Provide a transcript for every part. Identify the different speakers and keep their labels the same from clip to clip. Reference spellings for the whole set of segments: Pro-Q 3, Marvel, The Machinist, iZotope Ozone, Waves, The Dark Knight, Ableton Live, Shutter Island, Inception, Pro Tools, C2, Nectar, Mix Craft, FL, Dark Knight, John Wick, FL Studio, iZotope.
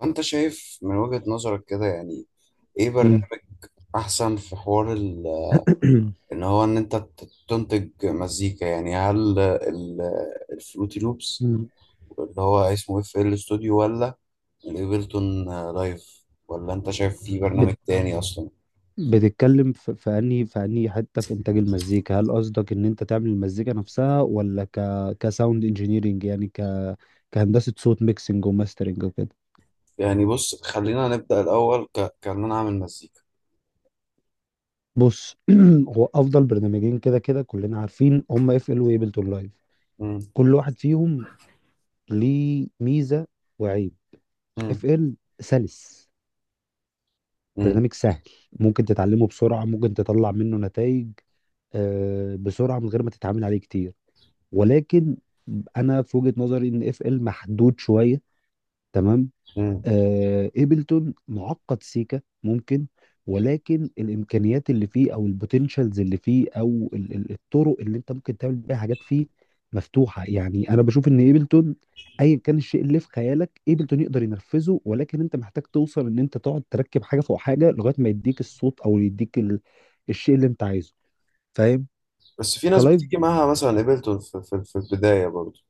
Speaker 1: وانت شايف من وجهة نظرك كده، يعني ايه
Speaker 2: مم.
Speaker 1: برنامج احسن في حوار ان هو ان انت تنتج مزيكا؟ يعني هل الفروتي لوبس
Speaker 2: مم.
Speaker 1: اللي هو اسمه اف ال ستوديو، ولا الايفلتون لايف، ولا انت شايف في برنامج
Speaker 2: بت-
Speaker 1: تاني اصلا؟
Speaker 2: بتتكلم في انهي حته في انتاج المزيكا، هل قصدك ان انت تعمل المزيكا نفسها ولا كساوند انجينيرنج، يعني كهندسه صوت، ميكسنج وماسترنج وكده؟
Speaker 1: يعني بص خلينا نبدأ الاول، كان انا اعمل مزيكا.
Speaker 2: بص، هو افضل برنامجين كده كده كلنا عارفين هم اف ال وابلتون لايف.
Speaker 1: مم.
Speaker 2: كل واحد فيهم ليه ميزه وعيب.
Speaker 1: مم.
Speaker 2: اف ال سلس،
Speaker 1: مم.
Speaker 2: برنامج سهل، ممكن تتعلمه بسرعه، ممكن تطلع منه نتائج، بسرعه، من غير ما تتعامل عليه كتير. ولكن انا في وجهة نظري ان اف ال محدود شويه، تمام.
Speaker 1: مم.
Speaker 2: ايبلتون معقد سيكا ممكن، ولكن الامكانيات اللي فيه او البوتنشالز اللي فيه او الطرق اللي انت ممكن تعمل بيها حاجات فيه مفتوحه. يعني انا بشوف ان ايبلتون ايا كان الشيء اللي في خيالك ايبلتون يقدر ينفذه، ولكن انت محتاج توصل ان انت تقعد تركب حاجه فوق حاجه لغايه ما يديك الصوت او يديك الشيء اللي انت عايزه، فاهم؟
Speaker 1: بس في ناس
Speaker 2: كلايف،
Speaker 1: بتيجي معاها مثلا ايفلتون في البداية برضو.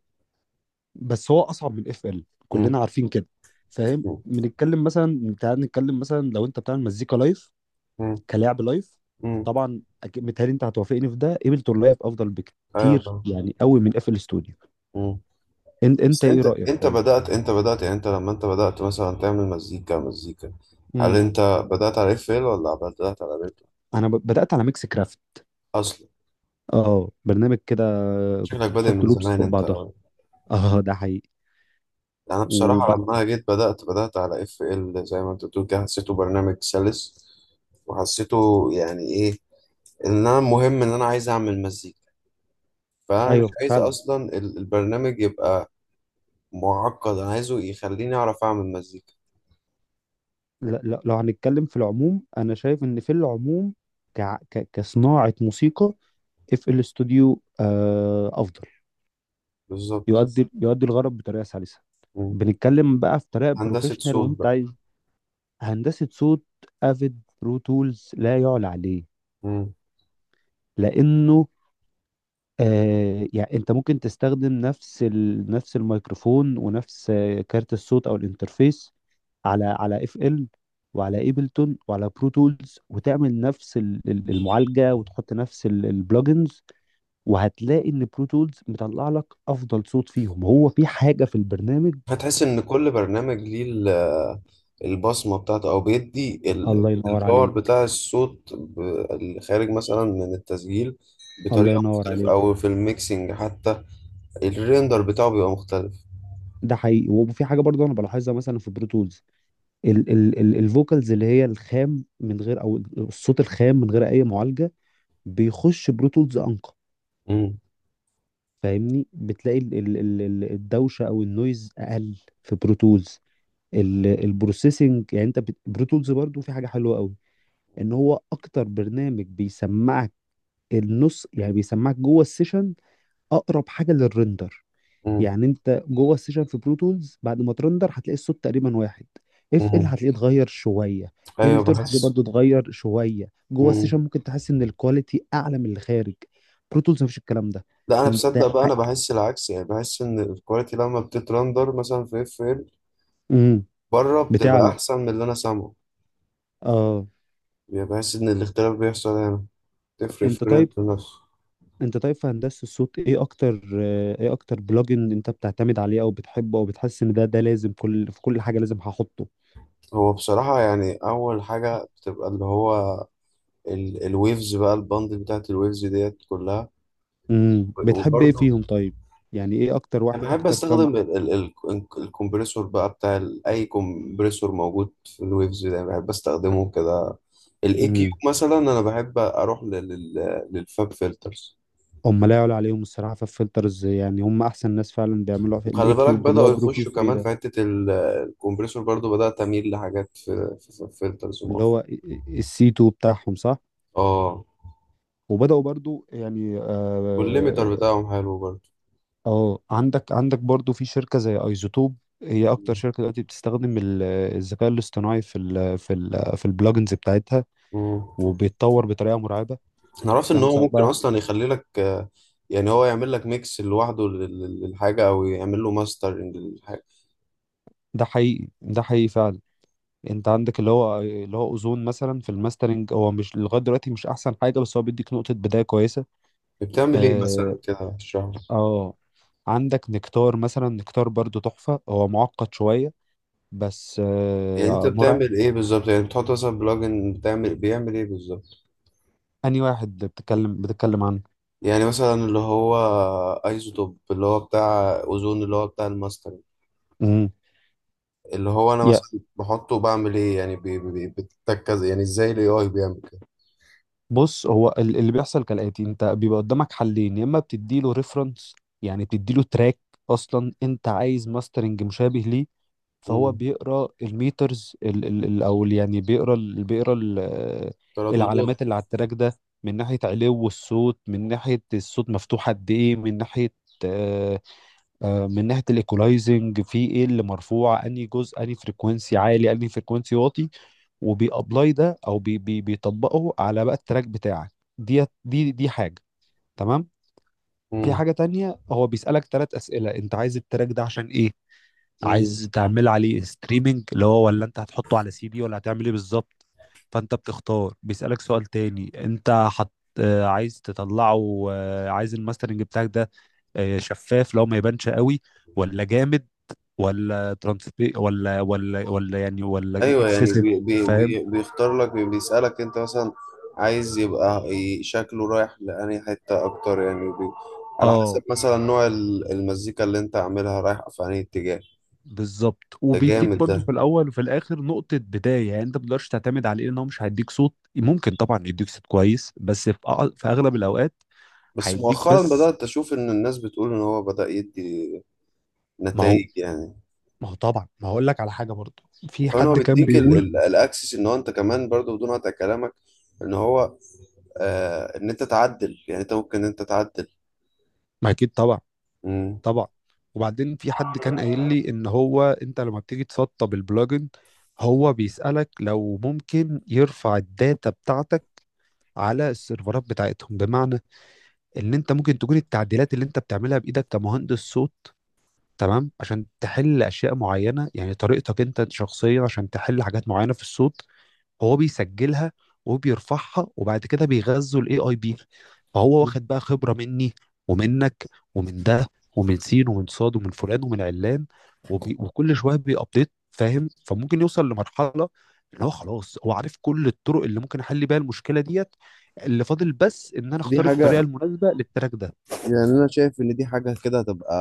Speaker 2: بس هو اصعب من اف ال
Speaker 1: مم.
Speaker 2: كلنا عارفين كده، فاهم.
Speaker 1: مم.
Speaker 2: بنتكلم مثلا، تعال نتكلم مثلا لو انت بتعمل مزيكا لايف
Speaker 1: مم.
Speaker 2: كلاعب لايف،
Speaker 1: مم.
Speaker 2: طبعا متهيألي انت هتوافقني في ده، ايبلتون لايف افضل
Speaker 1: ايوه
Speaker 2: بكتير
Speaker 1: طبعا.
Speaker 2: يعني قوي من اف ال ستوديو. انت انت
Speaker 1: بس
Speaker 2: ايه
Speaker 1: انت
Speaker 2: رايك
Speaker 1: انت
Speaker 2: طيب؟
Speaker 1: بدأت، يعني انت لما انت بدأت مثلا تعمل مزيكا مزيكا، هل
Speaker 2: امم
Speaker 1: انت بدأت على اف ال ولا بدأت على بيت
Speaker 2: انا بدات على ميكس كرافت،
Speaker 1: اصلا؟
Speaker 2: اه برنامج كده،
Speaker 1: شكلك
Speaker 2: كنت
Speaker 1: بادئ
Speaker 2: بتحط
Speaker 1: من
Speaker 2: لوبس
Speaker 1: زمان
Speaker 2: فوق
Speaker 1: انت
Speaker 2: بعضها.
Speaker 1: أوي.
Speaker 2: اه ده حقيقي.
Speaker 1: انا بصراحة
Speaker 2: وبقى،
Speaker 1: لما انا جيت بدأت على اف ال، زي ما انت بتقول كده، حسيته برنامج سلس، وحسيته يعني ايه، ان انا مهم ان انا عايز اعمل مزيكا، فانا مش
Speaker 2: ايوه
Speaker 1: عايز
Speaker 2: فعلا.
Speaker 1: اصلا البرنامج يبقى معقد، انا عايزه يخليني اعرف اعمل مزيكا.
Speaker 2: لا لا، لو هنتكلم في العموم انا شايف ان في العموم ك... كصناعه موسيقى اف ال استوديو افضل.
Speaker 1: بالظبط.
Speaker 2: يؤدي يؤدي الغرض بطريقه سلسه.
Speaker 1: مم.
Speaker 2: بنتكلم بقى في طريقه
Speaker 1: هندسة
Speaker 2: بروفيشنال وانت
Speaker 1: صوت
Speaker 2: عايز هندسه صوت، افيد برو تولز لا يعلى عليه،
Speaker 1: بقى.
Speaker 2: لانه يعني انت ممكن تستخدم نفس نفس الميكروفون ونفس كارت الصوت او الانترفيس على على اف ال وعلى ايبلتون وعلى برو تولز، وتعمل نفس المعالجه وتحط نفس البلجنز، وهتلاقي ان برو تولز مطلع لك افضل صوت فيهم. هو في حاجه في البرنامج.
Speaker 1: هتحس ان كل برنامج ليه البصمه بتاعته، او بيدي
Speaker 2: الله ينور
Speaker 1: الباور
Speaker 2: عليك.
Speaker 1: بتاع الصوت، اللي خارج مثلا من التسجيل
Speaker 2: الله
Speaker 1: بطريقه
Speaker 2: ينور
Speaker 1: مختلفه،
Speaker 2: عليك.
Speaker 1: او في الميكسينج حتى الريندر بتاعه بيبقى مختلف.
Speaker 2: ده حقيقي، وفي حاجه برضه انا بلاحظها مثلا في برو تولز: ال ال ال الفوكالز اللي هي الخام من غير، او الصوت الخام من غير اي معالجه، بيخش برو تولز انقى.
Speaker 1: امم.
Speaker 2: فاهمني، بتلاقي الدوشه او النويز اقل في برو تولز. البروسيسنج يعني انت برو تولز برضه في حاجه حلوه قوي، ان هو اكتر برنامج بيسمعك النص، يعني بيسمعك جوه السيشن اقرب حاجه للرندر.
Speaker 1: امم.
Speaker 2: يعني انت جوه السيشن في برو تولز بعد ما ترندر هتلاقي الصوت تقريبا واحد. اف ال
Speaker 1: امم.
Speaker 2: هتلاقيه اتغير شويه،
Speaker 1: ايوه
Speaker 2: ابلتون هتلاقيه
Speaker 1: بحس.
Speaker 2: برضو اتغير شويه جوه
Speaker 1: امم.
Speaker 2: السيشن، ممكن تحس ان الكواليتي اعلى من اللي خارج. برو تولز مفيش الكلام ده.
Speaker 1: لا، انا
Speaker 2: انت
Speaker 1: بصدق بقى،
Speaker 2: ح...
Speaker 1: انا بحس العكس، يعني بحس ان الكواليتي لما بتترندر مثلا في اف ال
Speaker 2: مم.
Speaker 1: بره بتبقى
Speaker 2: بتعلى،
Speaker 1: احسن من اللي انا سامعه،
Speaker 2: اه.
Speaker 1: يعني بحس ان الاختلاف بيحصل هنا، تفرق في
Speaker 2: انت
Speaker 1: الريندر
Speaker 2: طيب،
Speaker 1: نفسه.
Speaker 2: انت طيب في هندسه الصوت ايه اكتر، ايه اكتر بلوجن انت بتعتمد عليه او بتحبه او بتحس ان ده لازم كل، في كل حاجه لازم هحطه؟
Speaker 1: هو بصراحة يعني أول حاجة بتبقى اللي هو الويفز بقى، البندل بتاعت الويفز ديت كلها.
Speaker 2: بتحب ايه
Speaker 1: وبرضه
Speaker 2: فيهم طيب؟ يعني ايه اكتر
Speaker 1: أنا
Speaker 2: واحد،
Speaker 1: بحب
Speaker 2: اكتر كم؟
Speaker 1: أستخدم الكمبريسور بقى، بتاع أي كمبريسور موجود في الويفز ده، يعني بحب أستخدمه كده. الإي كيو
Speaker 2: امم،
Speaker 1: مثلا أنا بحب أروح للفاب فلترز.
Speaker 2: هم لا يعلى عليهم الصراحه في الفلترز، يعني هم احسن ناس فعلا بيعملوا في
Speaker 1: وخلي
Speaker 2: الاي
Speaker 1: بالك
Speaker 2: كيوب اللي
Speaker 1: بدأوا
Speaker 2: هو بروكيو
Speaker 1: يخشوا
Speaker 2: 3
Speaker 1: كمان في
Speaker 2: ده.
Speaker 1: حتة الكمبريسور، برضه بدأت أميل لحاجات في فلترز
Speaker 2: اللي هو
Speaker 1: مؤخرا.
Speaker 2: السي 2 بتاعهم صح،
Speaker 1: اه.
Speaker 2: وبداوا برضو، يعني
Speaker 1: والليميتر
Speaker 2: اه.
Speaker 1: بتاعهم حلو برضه.
Speaker 2: عندك عندك برضو في شركه زي ايزوتوب، هي اكتر شركه دلوقتي بتستخدم الذكاء الاصطناعي في ال في ال في البلجنز بتاعتها،
Speaker 1: مم.
Speaker 2: وبيتطور بطريقه مرعبه.
Speaker 1: انا عرفت ان
Speaker 2: فاهم،
Speaker 1: هو
Speaker 2: سواء
Speaker 1: ممكن
Speaker 2: بقى.
Speaker 1: اصلا يخلي لك، يعني هو يعمل لك ميكس لوحده للحاجه، او يعمل له ماسترنج للحاجه.
Speaker 2: ده حقيقي، ده حقيقي فعلا. انت عندك اللي هو، اللي هو اوزون مثلا في الماسترنج هو مش لغايه دلوقتي مش احسن حاجه، بس هو بيديك نقطه بدايه كويسه.
Speaker 1: بتعمل ايه مثلا
Speaker 2: اه,
Speaker 1: كده، اشرح لي.
Speaker 2: آه. عندك نكتار مثلا، نكتار برضو تحفه، هو معقد شويه بس
Speaker 1: يعني انت
Speaker 2: مرعب.
Speaker 1: بتعمل ايه بالظبط؟ يعني بتحط مثلا بلوجن بيعمل ايه بالظبط؟
Speaker 2: اني واحد بتتكلم عنه.
Speaker 1: يعني مثلا اللي هو ايزوتوب اللي هو بتاع اوزون اللي هو بتاع الماسترنج،
Speaker 2: امم.
Speaker 1: اللي هو انا
Speaker 2: يا
Speaker 1: مثلا بحطه بعمل ايه؟ يعني بتتكز، يعني ازاي الاي اي بيعمل كده.
Speaker 2: بص، هو اللي بيحصل كالاتي: انت بيبقى قدامك حلين، يا اما بتديله ريفرنس، يعني بتديله تراك اصلا انت عايز ماسترنج مشابه ليه، فهو
Speaker 1: مم.
Speaker 2: بيقرا الميترز يعني بيقرا ال
Speaker 1: ترددات.
Speaker 2: العلامات اللي على التراك ده، من ناحيه علو الصوت، من ناحيه الصوت مفتوح قد ايه، من ناحيه آه، من ناحيه الايكولايزنج في ايه اللي مرفوع، انهي جزء، انهي فريكونسي عالي، انهي فريكونسي واطي، وبيابلاي ده، او بي بي بيطبقه على بقى التراك بتاعك. دي حاجه، تمام. في حاجه تانية، هو بيسالك ثلاث اسئله: انت عايز التراك ده عشان ايه؟
Speaker 1: مم.
Speaker 2: عايز تعمل عليه ستريمنج اللي هو، ولا انت هتحطه على سي دي، ولا هتعمل ايه بالظبط؟ فانت بتختار. بيسألك سؤال تاني: انت حط، عايز تطلعه، عايز الماسترنج بتاعك ده شفاف، لو ما يبانش قوي، ولا جامد، ولا ترانسبي، ولا ولا ولا يعني ولا
Speaker 1: ايوه، يعني
Speaker 2: اكسسيف.
Speaker 1: بي بي
Speaker 2: فاهم،
Speaker 1: بي بيختار لك، بيسألك انت مثلا عايز يبقى شكله رايح لأنهي حتة اكتر، يعني على
Speaker 2: اه
Speaker 1: حسب مثلا نوع المزيكا اللي انت عاملها رايح في انهي اتجاه.
Speaker 2: بالظبط.
Speaker 1: ده
Speaker 2: وبيديك
Speaker 1: جامد ده.
Speaker 2: برضو في الاول وفي الاخر نقطه بدايه، يعني انت ما تقدرش تعتمد عليه، ان هو مش هيديك صوت، ممكن طبعا يديك صوت كويس بس في في اغلب الاوقات
Speaker 1: بس
Speaker 2: هيديك،
Speaker 1: مؤخرا
Speaker 2: بس
Speaker 1: بدأت اشوف ان الناس بتقول ان هو بدأ يدي
Speaker 2: ما هو
Speaker 1: نتائج يعني.
Speaker 2: ما هو طبعا. ما هقول لك على حاجه برضه، في
Speaker 1: وكمان هو
Speaker 2: حد كان
Speaker 1: بيديك
Speaker 2: بيقول،
Speaker 1: الاكسس، ان هو انت كمان برضو بدون قطع كلامك، ان هو ان انت تعدل، يعني انت ممكن ان انت تعدل.
Speaker 2: ما اكيد طبعا،
Speaker 1: مم.
Speaker 2: طبعا. وبعدين في حد كان قايل لي ان هو انت لما بتيجي تسطب البلجن هو بيسالك لو ممكن يرفع الداتا بتاعتك على السيرفرات بتاعتهم، بمعنى ان انت ممكن تكون التعديلات اللي انت بتعملها بايدك كمهندس صوت، تمام، عشان تحل اشياء معينه، يعني طريقتك انت شخصيا عشان تحل حاجات معينه في الصوت، هو بيسجلها وبيرفعها وبعد كده بيغذوا الاي اي بي. فهو واخد بقى خبرة مني ومنك ومن ده ومن سين ومن صاد ومن فلان ومن علان، وكل شوية بيأبديت، فاهم؟ فممكن يوصل لمرحلة ان هو خلاص هو عارف كل الطرق اللي ممكن احل بيها المشكلة ديت، اللي فاضل بس ان انا
Speaker 1: دي
Speaker 2: اختار
Speaker 1: حاجة،
Speaker 2: الطريقة المناسبة للتراك ده.
Speaker 1: يعني أنا شايف إن دي حاجة كده هتبقى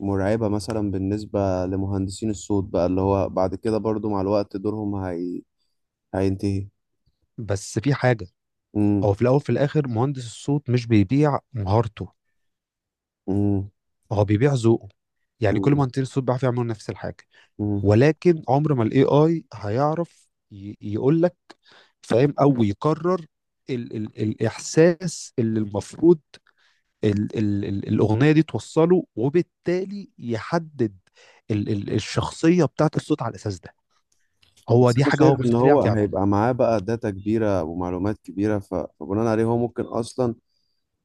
Speaker 1: مرعبة مثلا بالنسبة لمهندسين الصوت بقى، اللي هو بعد كده برضو مع الوقت دورهم هينتهي.
Speaker 2: بس في حاجة،
Speaker 1: مم.
Speaker 2: هو في الاول في الاخر مهندس الصوت مش بيبيع مهارته،
Speaker 1: مم.
Speaker 2: هو بيبيع ذوقه. يعني كل
Speaker 1: مم.
Speaker 2: مهندسين الصوت بيعرفوا يعملوا نفس الحاجة،
Speaker 1: مم.
Speaker 2: ولكن عمر ما الاي اي هيعرف يقول لك، فاهم، او يقرر ال ال الاحساس اللي المفروض ال ال ال الاغنيه دي توصله، وبالتالي يحدد ال ال الشخصيه بتاعت الصوت على الاساس ده. هو
Speaker 1: بس
Speaker 2: دي
Speaker 1: أنا
Speaker 2: حاجه هو
Speaker 1: شايف إن
Speaker 2: مستحيل
Speaker 1: هو
Speaker 2: يعرف يعملها.
Speaker 1: هيبقى معاه بقى داتا كبيرة ومعلومات كبيرة، فبناء عليه هو ممكن أصلا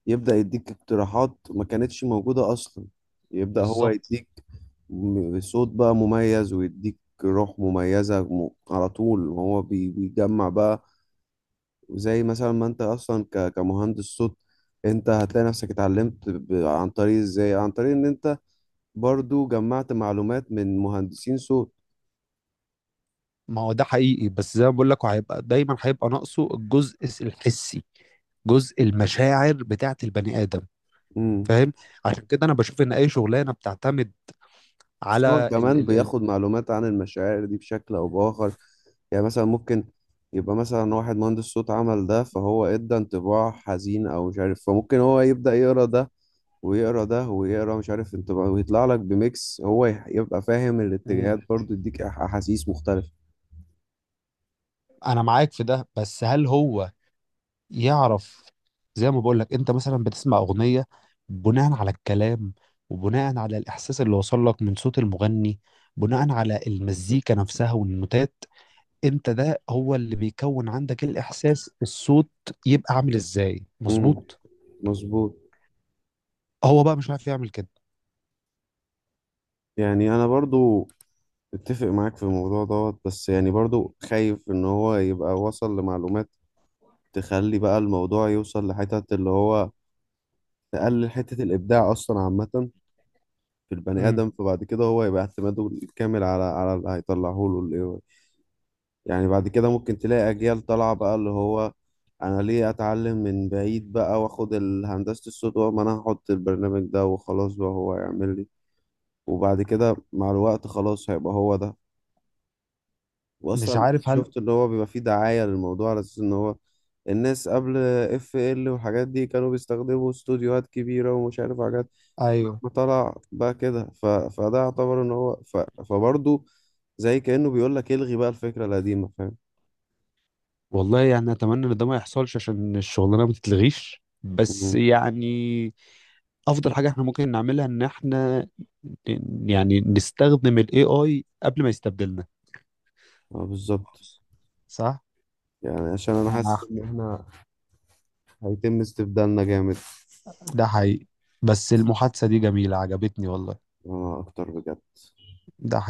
Speaker 1: يبدأ يديك اقتراحات ما كانتش موجودة أصلا، يبدأ هو
Speaker 2: بالظبط،
Speaker 1: يديك صوت بقى مميز، ويديك روح مميزة على طول، وهو بيجمع بقى. وزي مثلا ما انت اصلا كمهندس صوت، انت هتلاقي نفسك اتعلمت عن طريق ازاي، عن طريق ان انت برضو جمعت معلومات من مهندسين صوت.
Speaker 2: ما هو ده حقيقي، بس زي ما بقول لك هيبقى دايما هيبقى ناقصه الجزء الحسي، جزء المشاعر بتاعت البني ادم،
Speaker 1: امم.
Speaker 2: فاهم. عشان كده انا بشوف ان اي شغلانه بتعتمد
Speaker 1: بس هو
Speaker 2: على ال
Speaker 1: كمان
Speaker 2: ال
Speaker 1: بياخد معلومات عن المشاعر دي بشكل او باخر، يعني مثلا ممكن يبقى مثلا واحد مهندس صوت عمل ده، فهو ادى انطباع حزين او مش عارف، فممكن هو يبدأ يقرا ده، ويقرا ده، ويقرا مش عارف انطباع، ويطلع لك بميكس هو يبقى فاهم
Speaker 2: ال
Speaker 1: الاتجاهات، برضو يديك احاسيس مختلفة.
Speaker 2: انا معاك في ده، بس هل هو يعرف؟ زي ما بقول لك، انت مثلا بتسمع اغنيه بناء على الكلام، وبناء على الاحساس اللي وصل لك من صوت المغني، بناء على المزيكا نفسها والنوتات، انت ده هو اللي بيكون عندك الاحساس الصوت يبقى عامل ازاي
Speaker 1: امم
Speaker 2: مظبوط.
Speaker 1: مظبوط.
Speaker 2: هو بقى مش عارف يعمل كده.
Speaker 1: يعني انا برضو اتفق معاك في الموضوع دوت، بس يعني برضو خايف ان هو يبقى وصل لمعلومات تخلي بقى الموضوع يوصل لحتة اللي هو تقلل حتة الابداع اصلا عامة في البني
Speaker 2: امم،
Speaker 1: ادم، فبعد كده هو يبقى اعتماده الكامل على اللي هيطلعه له ال AI. يعني بعد كده ممكن تلاقي اجيال طالعة بقى، اللي هو انا ليه اتعلم من بعيد، بقى واخد هندسة الصوت، وما انا هحط البرنامج ده وخلاص بقى هو يعمل لي، وبعد كده مع الوقت خلاص هيبقى هو ده.
Speaker 2: مش
Speaker 1: واصلا
Speaker 2: عارف هل،
Speaker 1: شفت اللي هو بيبقى فيه دعاية للموضوع على اساس ان هو الناس قبل اف ال والحاجات دي كانوا بيستخدموا استوديوهات كبيرة ومش عارف حاجات،
Speaker 2: ايوه.
Speaker 1: ما طلع بقى كده، فده يعتبر ان هو فبرضه زي كأنه بيقول لك الغي بقى الفكرة القديمة، فاهم.
Speaker 2: والله يعني اتمنى ان ده ما يحصلش عشان الشغلانه ما تتلغيش، بس
Speaker 1: مهم.
Speaker 2: يعني افضل حاجه احنا ممكن نعملها ان احنا يعني نستخدم الاي اي قبل ما يستبدلنا.
Speaker 1: اه بالظبط.
Speaker 2: صح،
Speaker 1: يعني عشان انا حاسس
Speaker 2: انا،
Speaker 1: ان احنا هيتم استبدالنا جامد.
Speaker 2: ده حقيقي. بس المحادثة دي جميلة، عجبتني والله.
Speaker 1: اه اكتر بجد.
Speaker 2: ده حقيقي.